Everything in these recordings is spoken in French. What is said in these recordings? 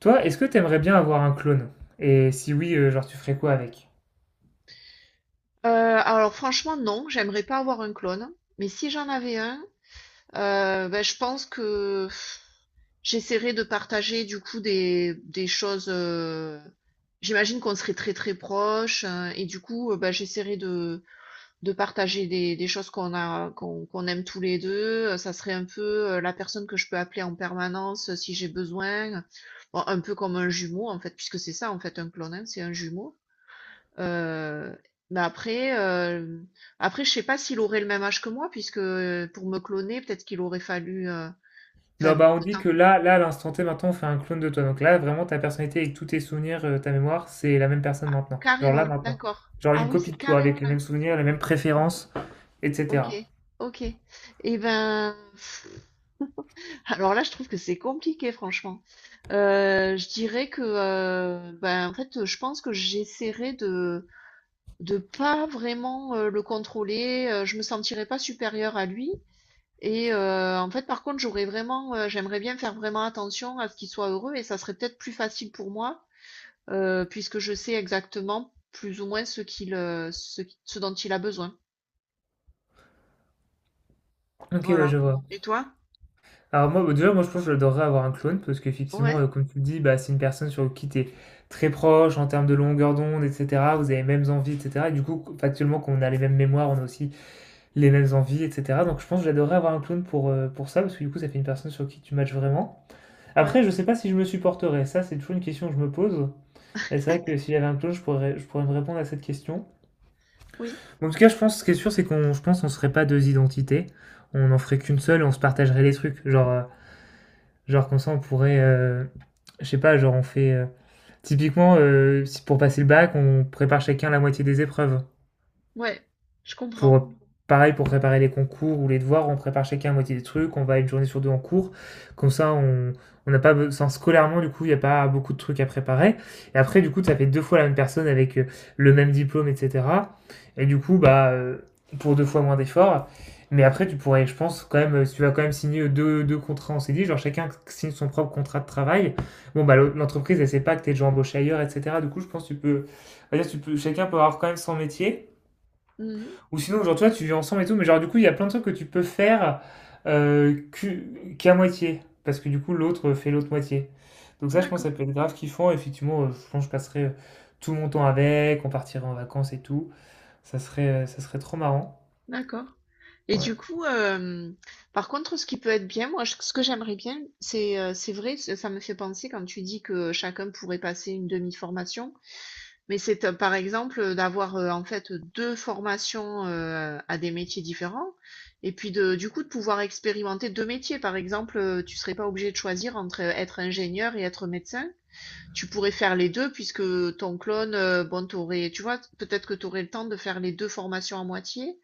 Toi, est-ce que t'aimerais bien avoir un clone? Et si oui, genre tu ferais quoi avec? Heu, alors franchement non, j'aimerais pas avoir un clone, mais si j'en avais un, bah, je pense que j'essaierais de partager du coup des choses, j'imagine qu'on serait très, très proches, et du coup, bah, j'essaierais de partager des choses qu'on a qu'on qu'on aime tous les 2. Ça serait un peu, la personne que je peux appeler en permanence, si j'ai besoin, bon un peu comme un jumeau en fait, puisque c'est ça en fait un clone, hein, c'est un jumeau. Heu, mais après, après je sais pas s'il aurait le même âge que moi puisque, pour me cloner, peut-être qu'il aurait fallu, Non, enfin bah on le dit temps que q là, à l'instant T, maintenant, on fait un clone de toi. Donc là, vraiment, ta personnalité avec tous tes souvenirs, ta mémoire, c'est la même personne maintenant. Genre là, carrément, maintenant. d'accord. Genre Ah une oui, copie c'est de toi carrément avec les là. mêmes souvenirs, les mêmes préférences, OK. etc. OK, et ben, alors là, je trouve que c'est compliqué franchement. Je dirais que, ben, en fait, je pense que j'essaierais de pas vraiment, le contrôler. Je me sentirais pas supérieure à lui. Et en fait, par contre, j'aimerais bien faire vraiment attention à ce qu'il soit heureux et ça serait peut-être plus facile pour moi, puisque je sais exactement plus ou moins ce qu'il, ce qui ce dont il a besoin. Ok, ouais, je Voilà. vois. Et toi? Alors moi, bah, déjà, je pense que j'adorerais avoir un clone parce qu'effectivement, Ouais, comme tu le dis, bah, c'est une personne sur qui t'es très proche en termes de longueur d'onde, etc. Vous avez les mêmes envies, etc. Et du coup, factuellement, qu'on a les mêmes mémoires, on a aussi les mêmes envies, etc. Donc je pense que j'adorerais avoir un clown pour ça, parce que du coup ça fait une personne sur qui tu matches vraiment. ouais, Après, je sais pas si je me supporterais, ça c'est toujours une question que je me pose. Et c'est vrai que si j'avais un clown, je pourrais me répondre à cette question. oui, Bon, en tout cas, je pense ce qui est sûr, c'est qu'on je pense qu'on serait pas deux identités. On en ferait qu'une seule et on se partagerait les trucs. Genre, genre comme ça, on pourrait. Je sais pas, genre on fait. Typiquement, si pour passer le bac, on prépare chacun la moitié des épreuves. ouais, je comprends. Pour Pareil pour préparer les concours ou les devoirs, on prépare chacun à moitié des trucs, on va une journée sur deux en cours, comme ça on n'a pas besoin scolairement, du coup il n'y a pas beaucoup de trucs à préparer, et après du coup ça fait deux fois la même personne avec le même diplôme, etc. Et du coup pour deux fois moins d'efforts. Mais après tu pourrais, je pense, quand même si tu vas quand même signer deux contrats. On s'est dit genre chacun signe son propre contrat de travail. Bon bah l'entreprise elle sait pas que t'es déjà embauché ailleurs, etc. Du coup je pense que tu peux, dire, tu peux chacun peut avoir quand même son métier. Mmh. Ou sinon, genre, toi, tu vis ensemble et tout, mais genre, du coup, il y a plein de trucs que tu peux faire qu'à moitié, parce que du coup, l'autre fait l'autre moitié. Donc ça, je pense D'accord, que ça peut être grave kiffant. Effectivement, je pense que je passerai tout mon temps avec, on partirait en vacances et tout. Ça serait trop marrant. d'accord. Et Ouais. du coup, par contre, ce qui peut être bien, moi, j ce que j'aimerais bien, c'est vrai, ça me fait penser quand tu dis que chacun pourrait passer une demi-formation. Mais c'est, par exemple, d'avoir, en fait, 2 formations, à des métiers différents et puis de du coup, de pouvoir expérimenter 2 métiers. Par exemple, tu serais pas obligé de choisir entre, être ingénieur et être médecin. Tu pourrais faire les 2 puisque ton clone, bon, tu vois? Peut-être que tu aurais le temps de faire les 2 formations à moitié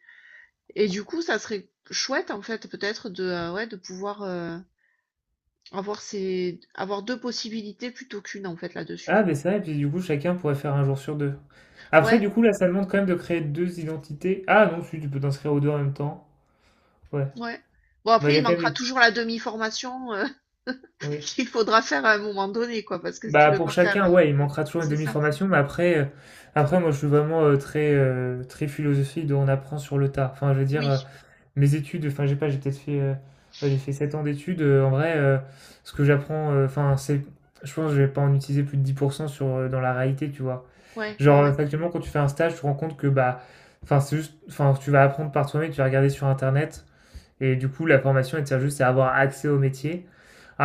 et du coup, ça serait chouette, en fait, peut-être de, ouais, de pouvoir, avoir 2 possibilités plutôt qu'une en fait, Ah, là-dessus. mais ça, et puis du coup, chacun pourrait faire un jour sur deux. Après, Ouais. du coup, là, ça demande quand même de créer deux identités. Ah non, si, tu peux t'inscrire aux deux en même temps. Ouais. Ouais. Bon Bah, il après, y il a quand manquera même des... toujours la demi-formation ouais. qu'il faudra faire à un moment donné, quoi, parce que si tu Bah peux pour pas faire. Chacun, ouais, il manquera toujours une C'est ça. demi-formation, mais après, après moi je suis vraiment très philosophique de on apprend sur le tas. Enfin, je veux dire, Oui. mes études, enfin j'ai pas, j'ai peut-être fait, ouais, j'ai fait 7 ans d'études. En vrai, ce que j'apprends, enfin c'est, je pense que je vais pas en utiliser plus de 10% sur dans la réalité, tu vois. Ouais, ouais, Genre ouais. factuellement quand tu fais un stage, tu te rends compte que bah, enfin c'est juste, enfin tu vas apprendre par toi-même, tu vas regarder sur internet, et du coup la formation elle te sert juste à avoir accès au métier.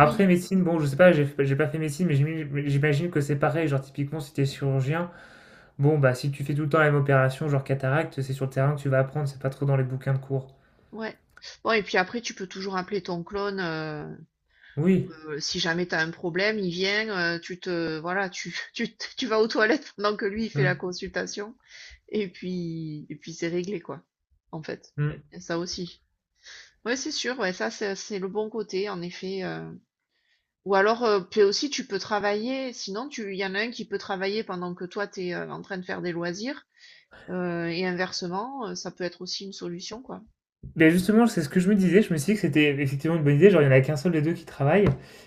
Oui. médecine, bon, je sais pas, j'ai pas fait médecine, mais j'imagine que c'est pareil. Genre, typiquement, si t'es chirurgien, bon, bah, si tu fais tout le temps la même opération, genre cataracte, c'est sur le terrain que tu vas apprendre, c'est pas trop dans les bouquins de cours. Ouais. Bon, et puis après, tu peux toujours appeler ton clone Oui. Si jamais tu as un problème, il vient, tu te voilà, tu vas aux toilettes pendant que lui il fait Ouais. la consultation, et puis c'est réglé, quoi, en fait. Mm. Et ça aussi. Ouais, c'est sûr, ouais, ça c'est le bon côté, en effet. Ou alors, puis aussi tu peux travailler sinon tu il y en a un qui peut travailler pendant que toi tu es en train de faire des loisirs, et inversement, ça peut être aussi une solution, quoi. Mais justement, c'est ce que je me disais, je me suis dit que c'était effectivement une bonne idée. Genre, il y en a qu'un seul des deux qui travaille.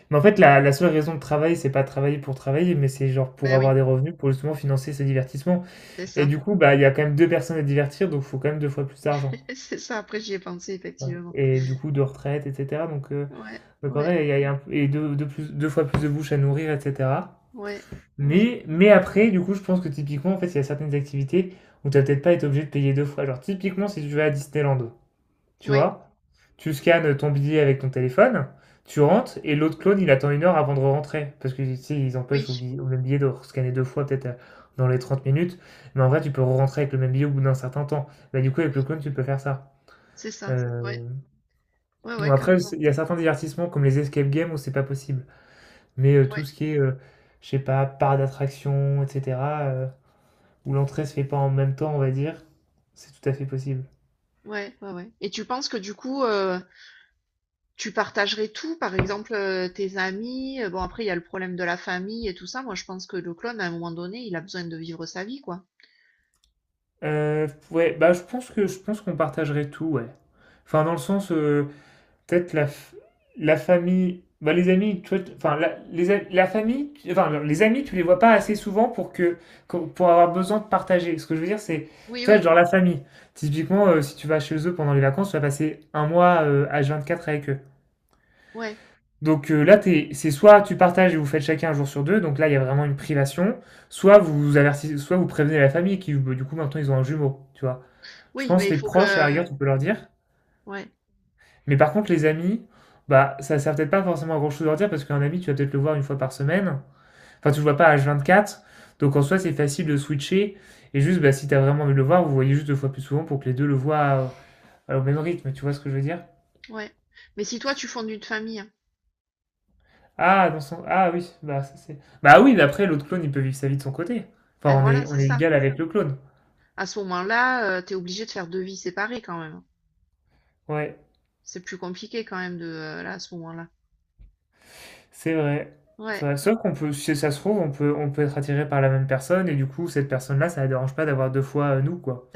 Mais en fait, la seule raison de travailler, c'est pas travailler pour travailler, mais c'est genre pour Ben oui, avoir des revenus, pour justement financer ses divertissements. c'est Et ça. du coup, bah, il y a quand même deux personnes à divertir, donc il faut quand même deux fois plus d'argent. C'est ça, après j'y ai pensé Ouais. effectivement. Et du coup, de retraite, etc. Ouais, Mais ouais, pareil, il y a deux fois plus de bouches à nourrir, etc. ouais, ouais, Mais après, du coup, je pense que typiquement, en fait, il y a certaines activités où tu vas peut-être pas être obligé de payer deux fois. Genre, typiquement, si tu vas à Disneyland, tu oui, vois, tu scannes ton billet avec ton téléphone, tu rentres, et l'autre clone, il attend une heure avant de rentrer. Parce que, tu sais, ils empêchent oui, au même billet de scanner deux fois, peut-être dans les 30 minutes. Mais en vrai, tu peux rentrer avec le même billet au bout d'un certain temps. Bah, du coup, avec le oui, clone, tu peux faire ça. c'est ça. Euh, Ouais, ouais, bon, ouais, après, carrément. il y a certains divertissements, comme les escape games, où c'est pas possible. Mais tout Ouais, ce qui est, je sais pas, parc d'attraction et cetera, où l'entrée se fait pas en même temps, on va dire, c'est tout à fait possible. ouais, ouais, ouais, et tu penses que du coup, tu partagerais tout? Par exemple, tes amis, bon après il y a le problème de la famille et tout ça. Moi je pense que le clone à un moment donné, il a besoin de vivre sa vie, quoi. Ouais, bah, je pense qu'on partagerait tout, ouais. Enfin, dans le sens, peut-être la famille, bah, les amis, tu vois, t enfin, la les a la famille, tu enfin, non, les amis, tu les vois pas assez souvent pour que qu'on pour avoir besoin de partager. Ce que je veux dire, c'est, Oui, tu vois, oui, genre la famille, typiquement, si tu vas chez eux pendant les vacances, tu vas passer un mois, H24 avec eux. ouais. Donc là, c'est soit tu partages et vous faites chacun un jour sur deux, donc là, il y a vraiment une privation, soit vous avertissez, soit vous prévenez la famille qui, bah, du coup, maintenant, ils ont un jumeau, tu vois. Je Oui, mais pense il les faut proches, à la que. rigueur, tu peux leur dire. Ouais, Mais par contre, les amis, bah, ça sert peut-être pas forcément à grand-chose de leur dire, parce qu'un ami, tu vas peut-être le voir une fois par semaine. Enfin, tu le vois pas à vingt-quatre, donc en soi, c'est facile de switcher. Et juste, bah, si t'as vraiment envie de le voir, vous voyez juste deux fois plus souvent pour que les deux le voient au même rythme, tu vois ce que je veux dire? ouais. Mais si toi, tu fondes une famille, hein, Ah, dans son ah oui, bah ça c'est bah oui, mais après l'autre clone, il peut vivre sa vie de son côté. eh, Enfin, voilà, on c'est est ça. égal avec le clone. À ce moment-là, tu es obligé de faire deux vies séparées quand même, hein. Ouais, C'est plus compliqué quand même de là à ce moment-là. c'est vrai. C'est Ouais, vrai. Sauf qu'on peut, si ça se trouve, on peut être attiré par la même personne et du coup, cette personne-là, ça la dérange pas d'avoir deux fois nous quoi.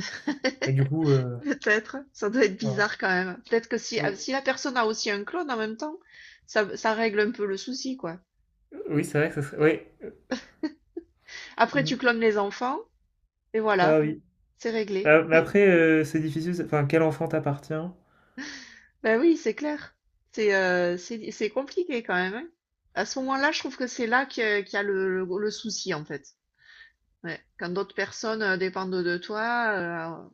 Et du coup, peut-être. Ça doit être voilà. bizarre quand même. Peut-être que si, ah, Euh, si la personne a aussi un clone en même temps, ça règle un peu le souci, quoi. Oui, c'est vrai que ça serait. Oui. Après, tu Mm. clones les enfants, et voilà, Ah oui. c'est réglé. Ah, mais après, c'est difficile. Enfin, quel enfant t'appartient? Ben oui, c'est clair. C'est compliqué quand même, hein. À ce moment-là, je trouve que c'est là qu'il y a le souci en fait. Ouais. Quand d'autres personnes dépendent de toi,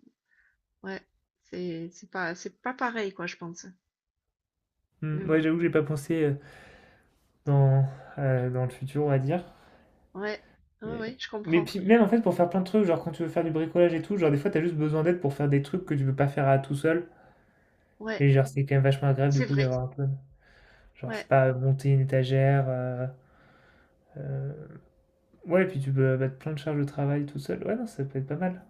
ouais, c'est pas pareil quoi, je pense. Hmm, Mais moi, bon, j'avoue, que j'ai pas pensé dans dans le futur, on va dire. ouais, ouais, Mais, ouais, je mais comprends. puis même en fait pour faire plein de trucs, genre quand tu veux faire du bricolage et tout, genre des fois t'as juste besoin d'aide pour faire des trucs que tu peux pas faire à tout seul. Ouais, Et genre c'est quand même vachement agréable du c'est coup vrai. d'avoir un peu, genre je sais Ouais, pas, monter une étagère, euh, ouais, puis tu peux mettre plein de charges de travail tout seul. Ouais, non, ça peut être pas mal.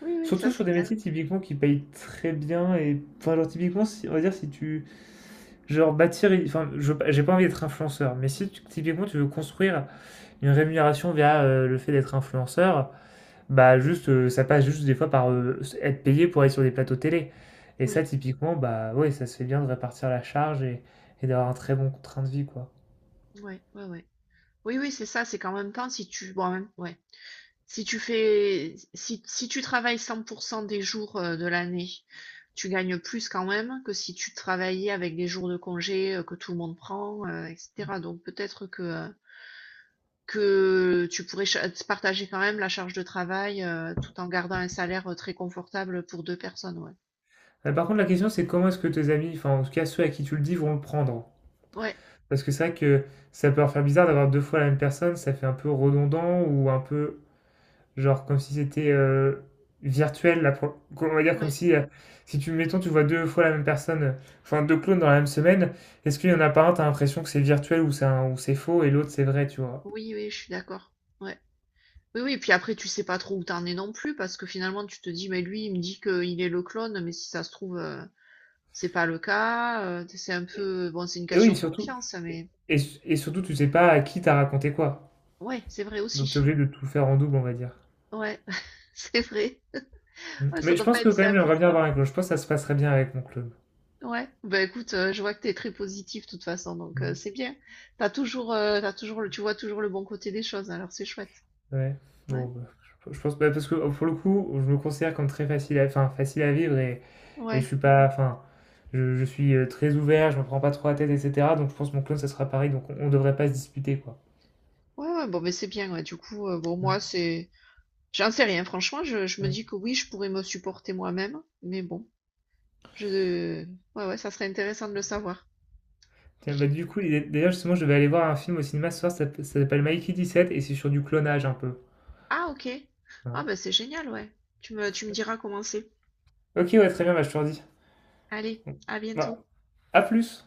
oui, oui, ça Surtout sur c'est des clair. métiers typiquement qui payent très bien et enfin genre typiquement si, on va dire si tu genre bâtir enfin je veux pas- j'ai pas envie d'être influenceur mais si tu- typiquement tu veux construire une rémunération via le fait d'être influenceur. Bah juste, ça passe juste des fois par, être payé pour aller sur des plateaux télé et Oui, ça typiquement, bah, ouais, ça se fait bien de répartir la charge et d'avoir un très bon train de vie, quoi. ouais, ouais, ouais. Oui, oui, c'est ça. C'est qu'en même temps, si tu, bon, ouais. Si tu travailles 100% des jours de l'année, tu gagnes plus quand même que si tu travaillais avec des jours de congé que tout le monde prend, etc. Donc peut-être que tu pourrais partager quand même la charge de travail tout en gardant un salaire très confortable pour deux personnes. Ouais, Par contre, la question, c'est comment est-ce que tes amis, enfin, en tout cas ceux à qui tu le dis, vont le prendre? ouais, Parce que c'est vrai que ça peut leur faire bizarre d'avoir 2 fois la même personne, ça fait un peu redondant ou un peu. Genre comme si c'était virtuel, on va dire comme ouais. si, si tu, mettons, tu vois deux fois la même personne, enfin deux clones dans la même semaine, est-ce qu'il y en a pas un, t'as l'impression que c'est virtuel ou ou c'est faux et l'autre c'est vrai, tu vois. Oui, oui, je suis d'accord. Ouais. Oui, oui, puis après, tu sais pas trop où t'en es non plus, parce que finalement, tu te dis, mais lui, il me dit qu'il est le clone, mais si ça se trouve, c'est pas le cas, c'est un peu bon, c'est une Et question oui, de surtout, confiance, et, mais et- et surtout tu sais pas à qui t'as raconté quoi. ouais, c'est vrai Donc t'es aussi. obligé de tout faire en double, on va dire. Ouais, c'est vrai. Mm. Ouais, Mais ça je doit pense pas que être quand même simple. j'aimerais bien avoir un clone, je pense que ça se passerait bien avec mon clone. Ouais. Ben écoute, je vois que t'es très positif de toute façon, donc Mm. c'est bien. T'as toujours, tu vois toujours le bon côté des choses, alors c'est chouette. Ouais, Ouais. bon, bah, je pense bah, parce que pour le coup, je me considère comme très facile à, enfin, facile à vivre et, et je Ouais. suis pas, enfin, je suis très ouvert, je me prends pas trop la tête, etc. Donc je pense que mon clone, ça sera pareil, donc on devrait pas se disputer, quoi. Ouais, ouais, bon, mais c'est bien, ouais, du coup, bon, Mm, moi, c'est j'en sais rien, franchement, je me mm. dis que oui, je pourrais me supporter moi-même, mais bon, je ouais, ouais, ça serait intéressant de le savoir. Tiens, bah, du coup, justement, je vais aller voir un film au cinéma ce soir, ça s'appelle Mikey 17 et c'est sur du clonage un peu. Ah OK. Ah Voilà. bah c'est génial, ouais. Tu me diras comment c'est. Ok, ouais, très bien, bah, je te redis. Allez, Bon. à Bah, bientôt. à plus!